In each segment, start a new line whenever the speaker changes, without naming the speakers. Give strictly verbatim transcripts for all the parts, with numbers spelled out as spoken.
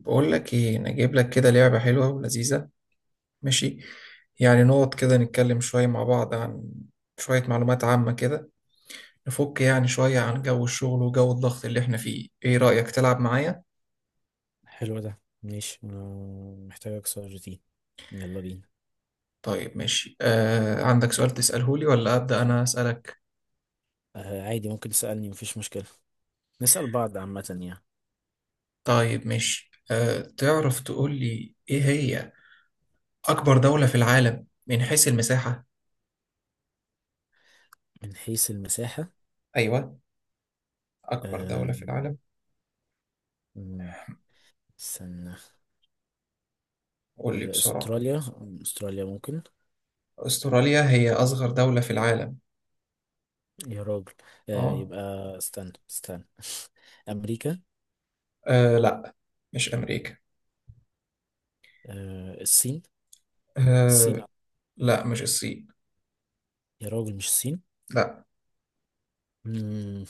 بقول لك ايه، انا جايب لك كده لعبة حلوة ولذيذة. ماشي. يعني نقعد كده نتكلم شوية مع بعض عن شوية معلومات عامة كده. نفك يعني شوية عن جو الشغل وجو الضغط اللي احنا فيه. ايه رأيك تلعب معايا؟
حلو، ده ماشي. أنا محتاجك سؤالتين. يلا بينا.
طيب، ماشي. آه عندك سؤال تسأله لي ولا أبدأ انا أسألك؟
آه، عادي، ممكن تسألني، مفيش مشكلة. نسأل بعض عامة يعني.
طيب، ماشي. آه تعرف تقول لي ايه هي أكبر دولة في العالم من حيث المساحة؟
من حيث المساحة؟
ايوه، أكبر
آه
دولة في العالم.
مم، استنى.
قول لي
آه
بسرعة.
أستراليا، أستراليا ممكن.
أستراليا هي أصغر دولة في العالم.
يا راجل. آه
اه.
يبقى استنى استنى. أمريكا.
آه لا، مش أمريكا.
آه، الصين.
آه
الصين.
لا، مش الصين.
يا راجل، مش الصين.
لا.
مم،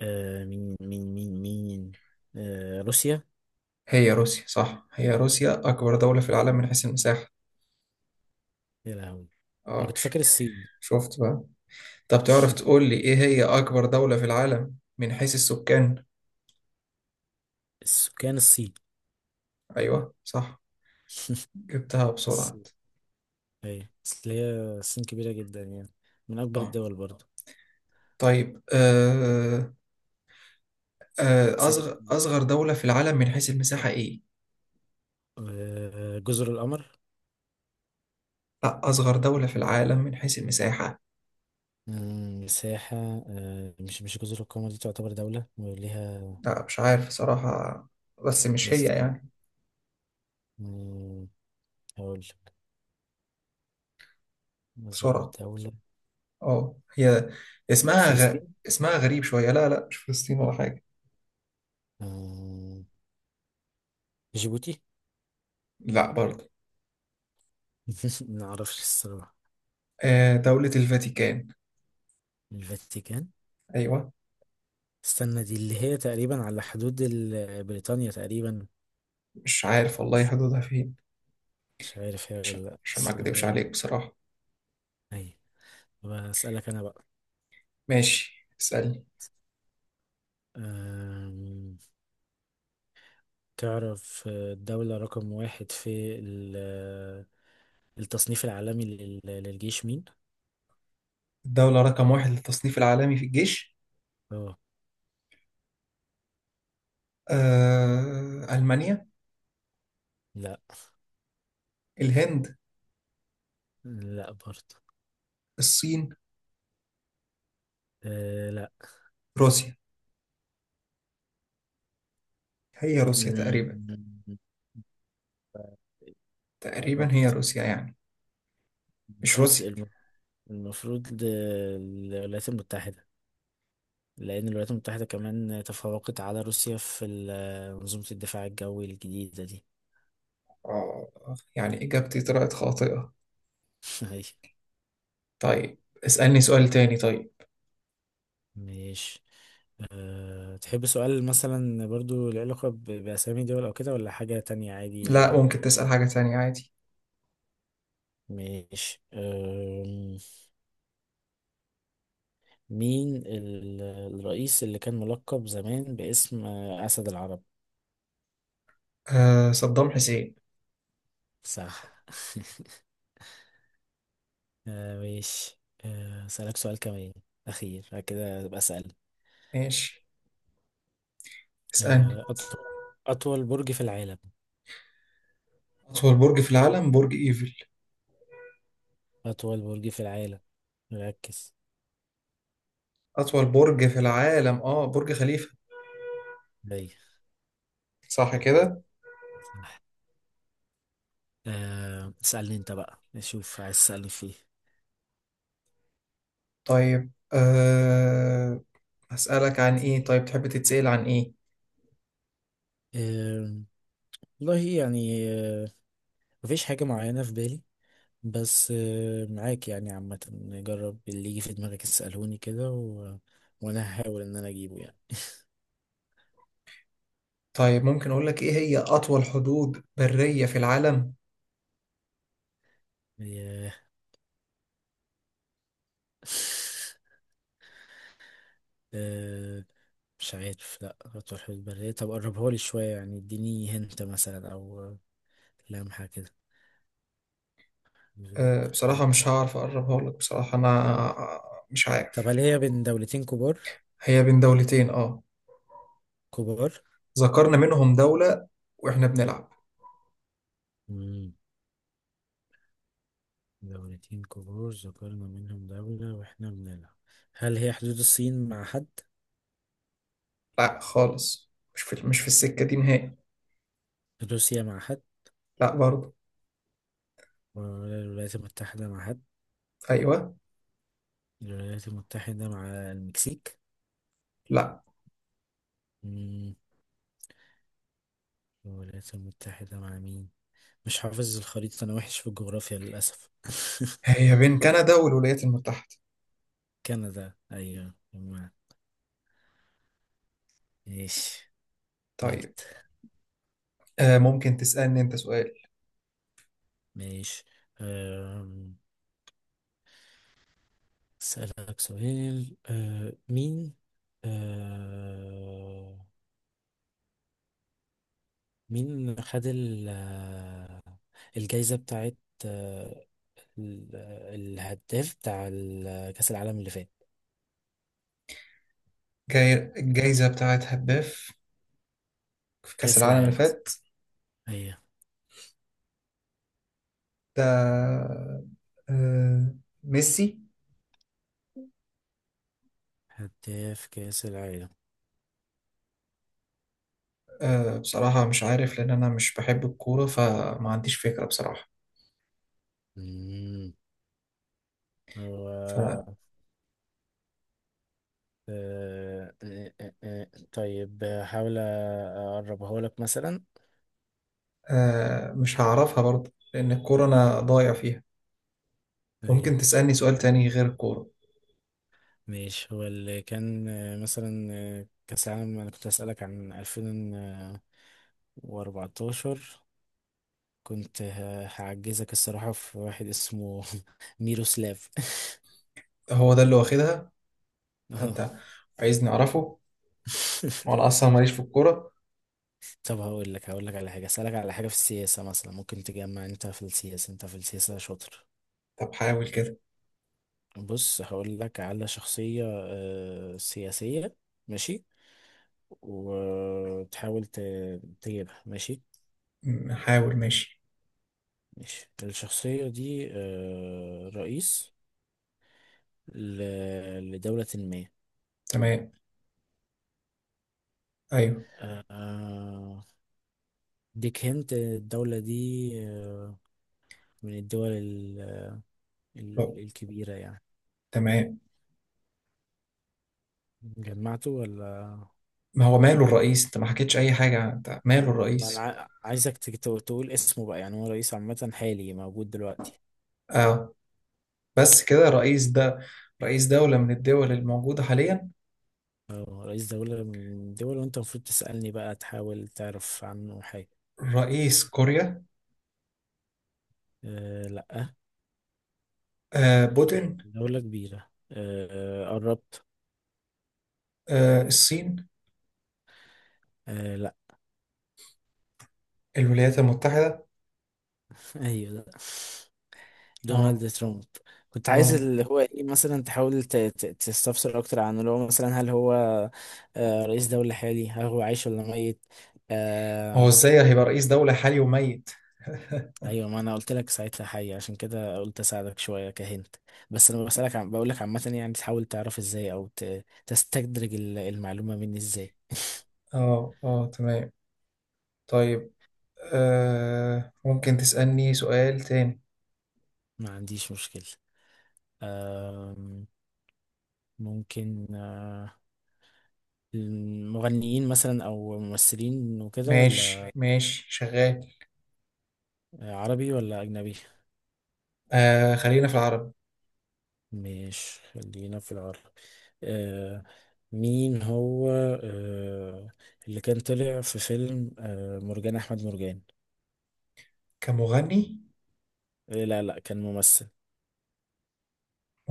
آه مين مين مين مين، آه روسيا.
هي روسيا، صح، هي روسيا أكبر دولة في العالم من حيث المساحة.
يا لهوي. أنا
اه
كنت
ش-
فاكر الصين.
شفت بقى. طب تعرف تقول لي إيه هي أكبر دولة في العالم من حيث السكان؟
السكان؟ الصين.
أيوه، صح. جبتها
بس
بسرعة.
ايوه، اصل هي الصين كبيرة جدا يعني، من أكبر
اه.
الدول برضه.
طيب، آه آه
بس أنا-،
أصغر أصغر دولة في العالم من حيث المساحة إيه؟
آه، جزر القمر.
لا، أصغر دولة في العالم من حيث المساحة.
مم، مساحة. آه، مش مش جزر القمر، دي تعتبر دولة وليها.
لا مش عارف صراحة، بس مش هي
يستنى.
يعني.
مم، هقول لك. أصغر
بسرعة.
دولة.
اه، هي اسمها غ...
فلسطين؟
اسمها غريب شوية. لا لا، مش فلسطين ولا حاجة.
آه، جيبوتي.
لا برضه.
معرفش الصراحة.
آه دولة الفاتيكان.
الفاتيكان.
أيوة.
استنى، دي اللي هي تقريبا على حدود ال- بريطانيا تقريبا.
مش عارف والله حدودها فين.
مش عارف هي
عشان
ولا لأ،
عشان ما
بس لو
أكدبش
هي.
عليك بصراحة.
أيوة. بسألك أنا بقى.
ماشي، اسألني.
آم، تعرف، آه، الدولة رقم واحد في ال- آه، التصنيف العالمي لل- للجيش مين؟
الدولة رقم واحد للتصنيف العالمي في الجيش؟
اه.
آه ألمانيا.
لا.
الهند.
لا برضه.
الصين.
آه، لا.
روسيا. هي روسيا تقريبا.
مم،
تقريبا هي
قربت.
روسيا يعني. مش
المفروض
روسيا.
الم- المفروض د- الولايات المتحدة، لأن الولايات المتحدة كمان تفوقت على روسيا في ال- آه، منظومة الدفاع الجوي الجديدة دي.
آه يعني إجابتي طلعت خاطئة.
أيوة.
طيب. اسألني سؤال تاني. طيب.
ماشي. أه تحب سؤال مثلا برضو له علاقة ب- بأسامي دول أو كده، ولا حاجة تانية عادي؟
لا، ممكن تسأل حاجة تانية عادي.
ماشي. أم، مين ال- الرئيس اللي كان ملقب زمان باسم آه، أسد العرب؟
آه صدام حسين.
صح. أه ماشي. أه، أسألك سؤال كمان أخير، بعد كده أبقى أسأل.
ماشي، اسألني.
أه، أطول، أطول برج في العالم.
أطول برج في العالم برج إيفل.
أطول برج في العالم، ركز.
أطول برج في العالم آه برج خليفة.
أيوة.
صح كده.
صح. أه، اسألني أنت بقى نشوف عايز تسألني
طيب، آه، هسألك عن إيه؟ طيب، تحب تتسأل عن إيه؟
فيه. والله يعني، آه، مفيش حاجة معينة في بالي، بس آه، معاك يعني عامة، نجرب اللي يجي في دماغك اسألوني كده، و... وأنا هحاول إن أنا أجيبه يعني.
طيب، ممكن أقول لك إيه هي أطول حدود برية في العالم؟
آه، آه، مش عارف، لأ هتروح في البرية، طب قربها لي شوية، يعني اديني هنت مثلا أو لمحة كده. حدود
آه، بصراحة
برية.
مش هعرف أقربها لك بصراحة أنا. مش
طب
عارف.
هل هي بين دولتين كبار؟
هي بين دولتين، آه،
كبار.
ذكرنا منهم دولة وإحنا بنلعب.
مم. دولتين كبار ذكرنا منهم دولة وإحنا بنلعب. هل هي حدود الصين مع حد؟
لا خالص، مش في مش في السكة دي نهائي.
روسيا مع حد؟
لا برضه.
ولا الولايات المتحدة مع حد؟
أيوه.
الولايات المتحدة مع المكسيك؟
لا.
مم. الولايات المتحدة مع مين؟ مش حافظ الخريطة، أنا وحش في الجغرافيا للأسف.
هي بين كندا والولايات المتحدة.
كندا، أيوة. ما- ماشي.
طيب.
غلط.
آه ممكن تسألني أنت سؤال.
ماشي. أم، أسألك سؤال. أه، مين أه، مين خد ال- آه، الجايزة بتاعت أه، ال- آه، الهداف بتاع ال- آه، كأس العالم اللي فات؟
جاي الجايزة بتاعت هداف في كأس
كأس
العالم اللي
العالم،
فات.
أيوة.
ده آه ميسي.
هداف كأس العالم.
آه، بصراحة مش عارف لأن أنا مش بحب الكورة فما عنديش فكرة بصراحة.
مم. و... آه، آه، آه، آه. طيب هحاول أقربه لك مثلا.
فمش هعرفها برضه لأن الكورة أنا ضايع فيها. ممكن
أيوة.
تسألني سؤال تاني غير الكورة.
ماشي، هو اللي كان آه، مثلا آه، كأس العالم أنا كنت أسألك عن ألفين وأربعتاشر، كنت ه- هعجزك الصراحة، في واحد اسمه ميروسلاف.
هو ده اللي واخدها؟
اه.
أنت عايزني أعرفه؟ وأنا أصلا ماليش في الكورة.
طب هقول لك هقول لك على حاجة، اسألك على حاجة في السياسة مثلا، ممكن تجمع. انت في السياسة انت في السياسة شاطر.
طب حاول كده.
بص هقول لك على شخصية آه، سياسية. ماشي. وتحاول ت- تجيبها، ماشي.
م- حاول، ماشي.
ماشي، الشخصية دي آه، رئيس ل- لدولة ما.
تمام، ايوه.
آه، آه، ديك هنت الدولة دي آه، من الدول ال-
طب،
ال- الكبيرة يعني.
تمام.
جمعته ولا؟
ما هو ماله الرئيس، انت ما حكيتش اي حاجه، انت ماله
ما فاهم انا،
الرئيس؟
ع- عايزك تك- تو- تقول اسمه بقى، يعني هو رئيس عامة حالي موجود دلوقتي.
اه، بس كده الرئيس ده رئيس دوله من الدول الموجوده حاليا؟
اه، رئيس دولة من دول، وانت المفروض تسألني بقى تحاول تعرف عنه حاجة.
رئيس كوريا.
أه، لا.
آه بوتين.
دولة كبيرة، أه قربت.
آه الصين.
أه، لا.
الولايات المتحده.
ايوه، لا،
اه،
دونالد ترامب. كنت عايز
دونالد.
اللي هو ايه، مثلا تحاول ت- ت- تستفسر اكتر عنه، اللي هو مثلا هل هو آه، رئيس دولة حالي، هل هو عايش ولا ميت؟
هو
آه،
ازاي هيبقى رئيس دوله حالي وميت؟
ايوه، ما انا قلت لك ساعتها حي، عشان كده قلت اساعدك شويه كهنت. بس انا بسالك، عم بقول لك عامه يعني، تحاول تعرف ازاي او ت- تستدرج ال- المعلومه مني ازاي.
اه اه، تمام. طيب، آه ممكن تسألني سؤال تاني.
ما عنديش مشكله. أم، ممكن آه، المغنيين مثلا او ممثلين وكده،
ماشي
ولا؟
ماشي، شغال.
عربي ولا اجنبي؟
آه خلينا في العربي.
مش، خلينا في العربي. أه، مين هو أه، اللي كان طلع في فيلم أه، مرجان احمد مرجان؟
كمغني؟
إيه، لا لا، كان ممثل.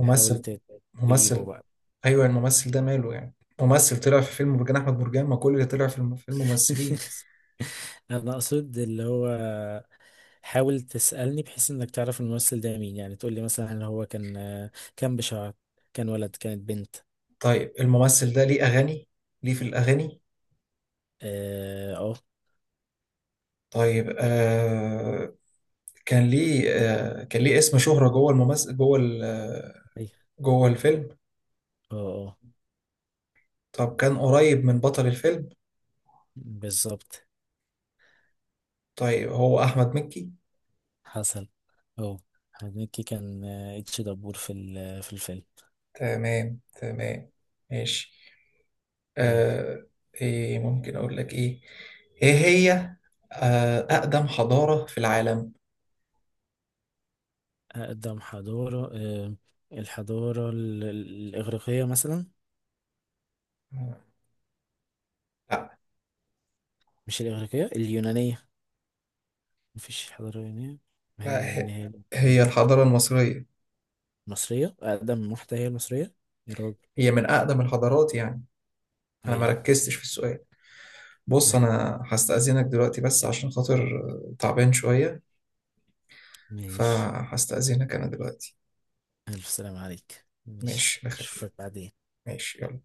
حاول ت- تجيبه
ممثل.
بقى.
ايوه، الممثل ده ماله يعني؟ ممثل طلع في فيلم برجان احمد برجان، ما كل اللي طلع في الم- في الممثلين.
انا اقصد اللي هو، حاول تسألني بحيث انك تعرف الممثل ده مين، يعني تقول لي مثلا هل هو كان كان بشعر، كان ولد، كانت بنت.
طيب، الممثل ده ليه اغاني؟ ليه في الاغاني؟
اه، اه.
طيب، آه، كان ليه، آه، كان ليه اسم شهرة جوه الممثل جوه ال- آه،
أيوة.
جوه الفيلم.
اه. آه.
طب كان قريب من بطل الفيلم؟
بالظبط.
طيب، هو احمد مكي.
حصل. اه، هنيكي كان آه، اتش دبور في ال- في الفيلم.
تمام تمام، ماشي.
جامد.
آه، ايه ممكن اقول لك ايه، ايه هي آه اقدم حضارة في العالم؟
اقدم حضارة، آه، الحضارة ال- ال- الاغريقية مثلا.
آه، لا.
مش الاغريقية، اليونانية. مفيش حضارة يونانية، ما هي
لا، ه-
اليونانية.
هي الحضارة المصرية.
مصرية، أقدم واحدة هي المصرية؟ يا راجل،
هي من أقدم الحضارات يعني. أنا ما
هي.
ركزتش في السؤال. بص، أنا هستأذنك دلوقتي بس عشان خاطر، آه، تعبان شوية.
ماشي،
فهستأذنك أنا دلوقتي.
ألف سلام عليك، ماشي.
ماشي، بخير.
أشوفك بعدين.
ماشي، يلا.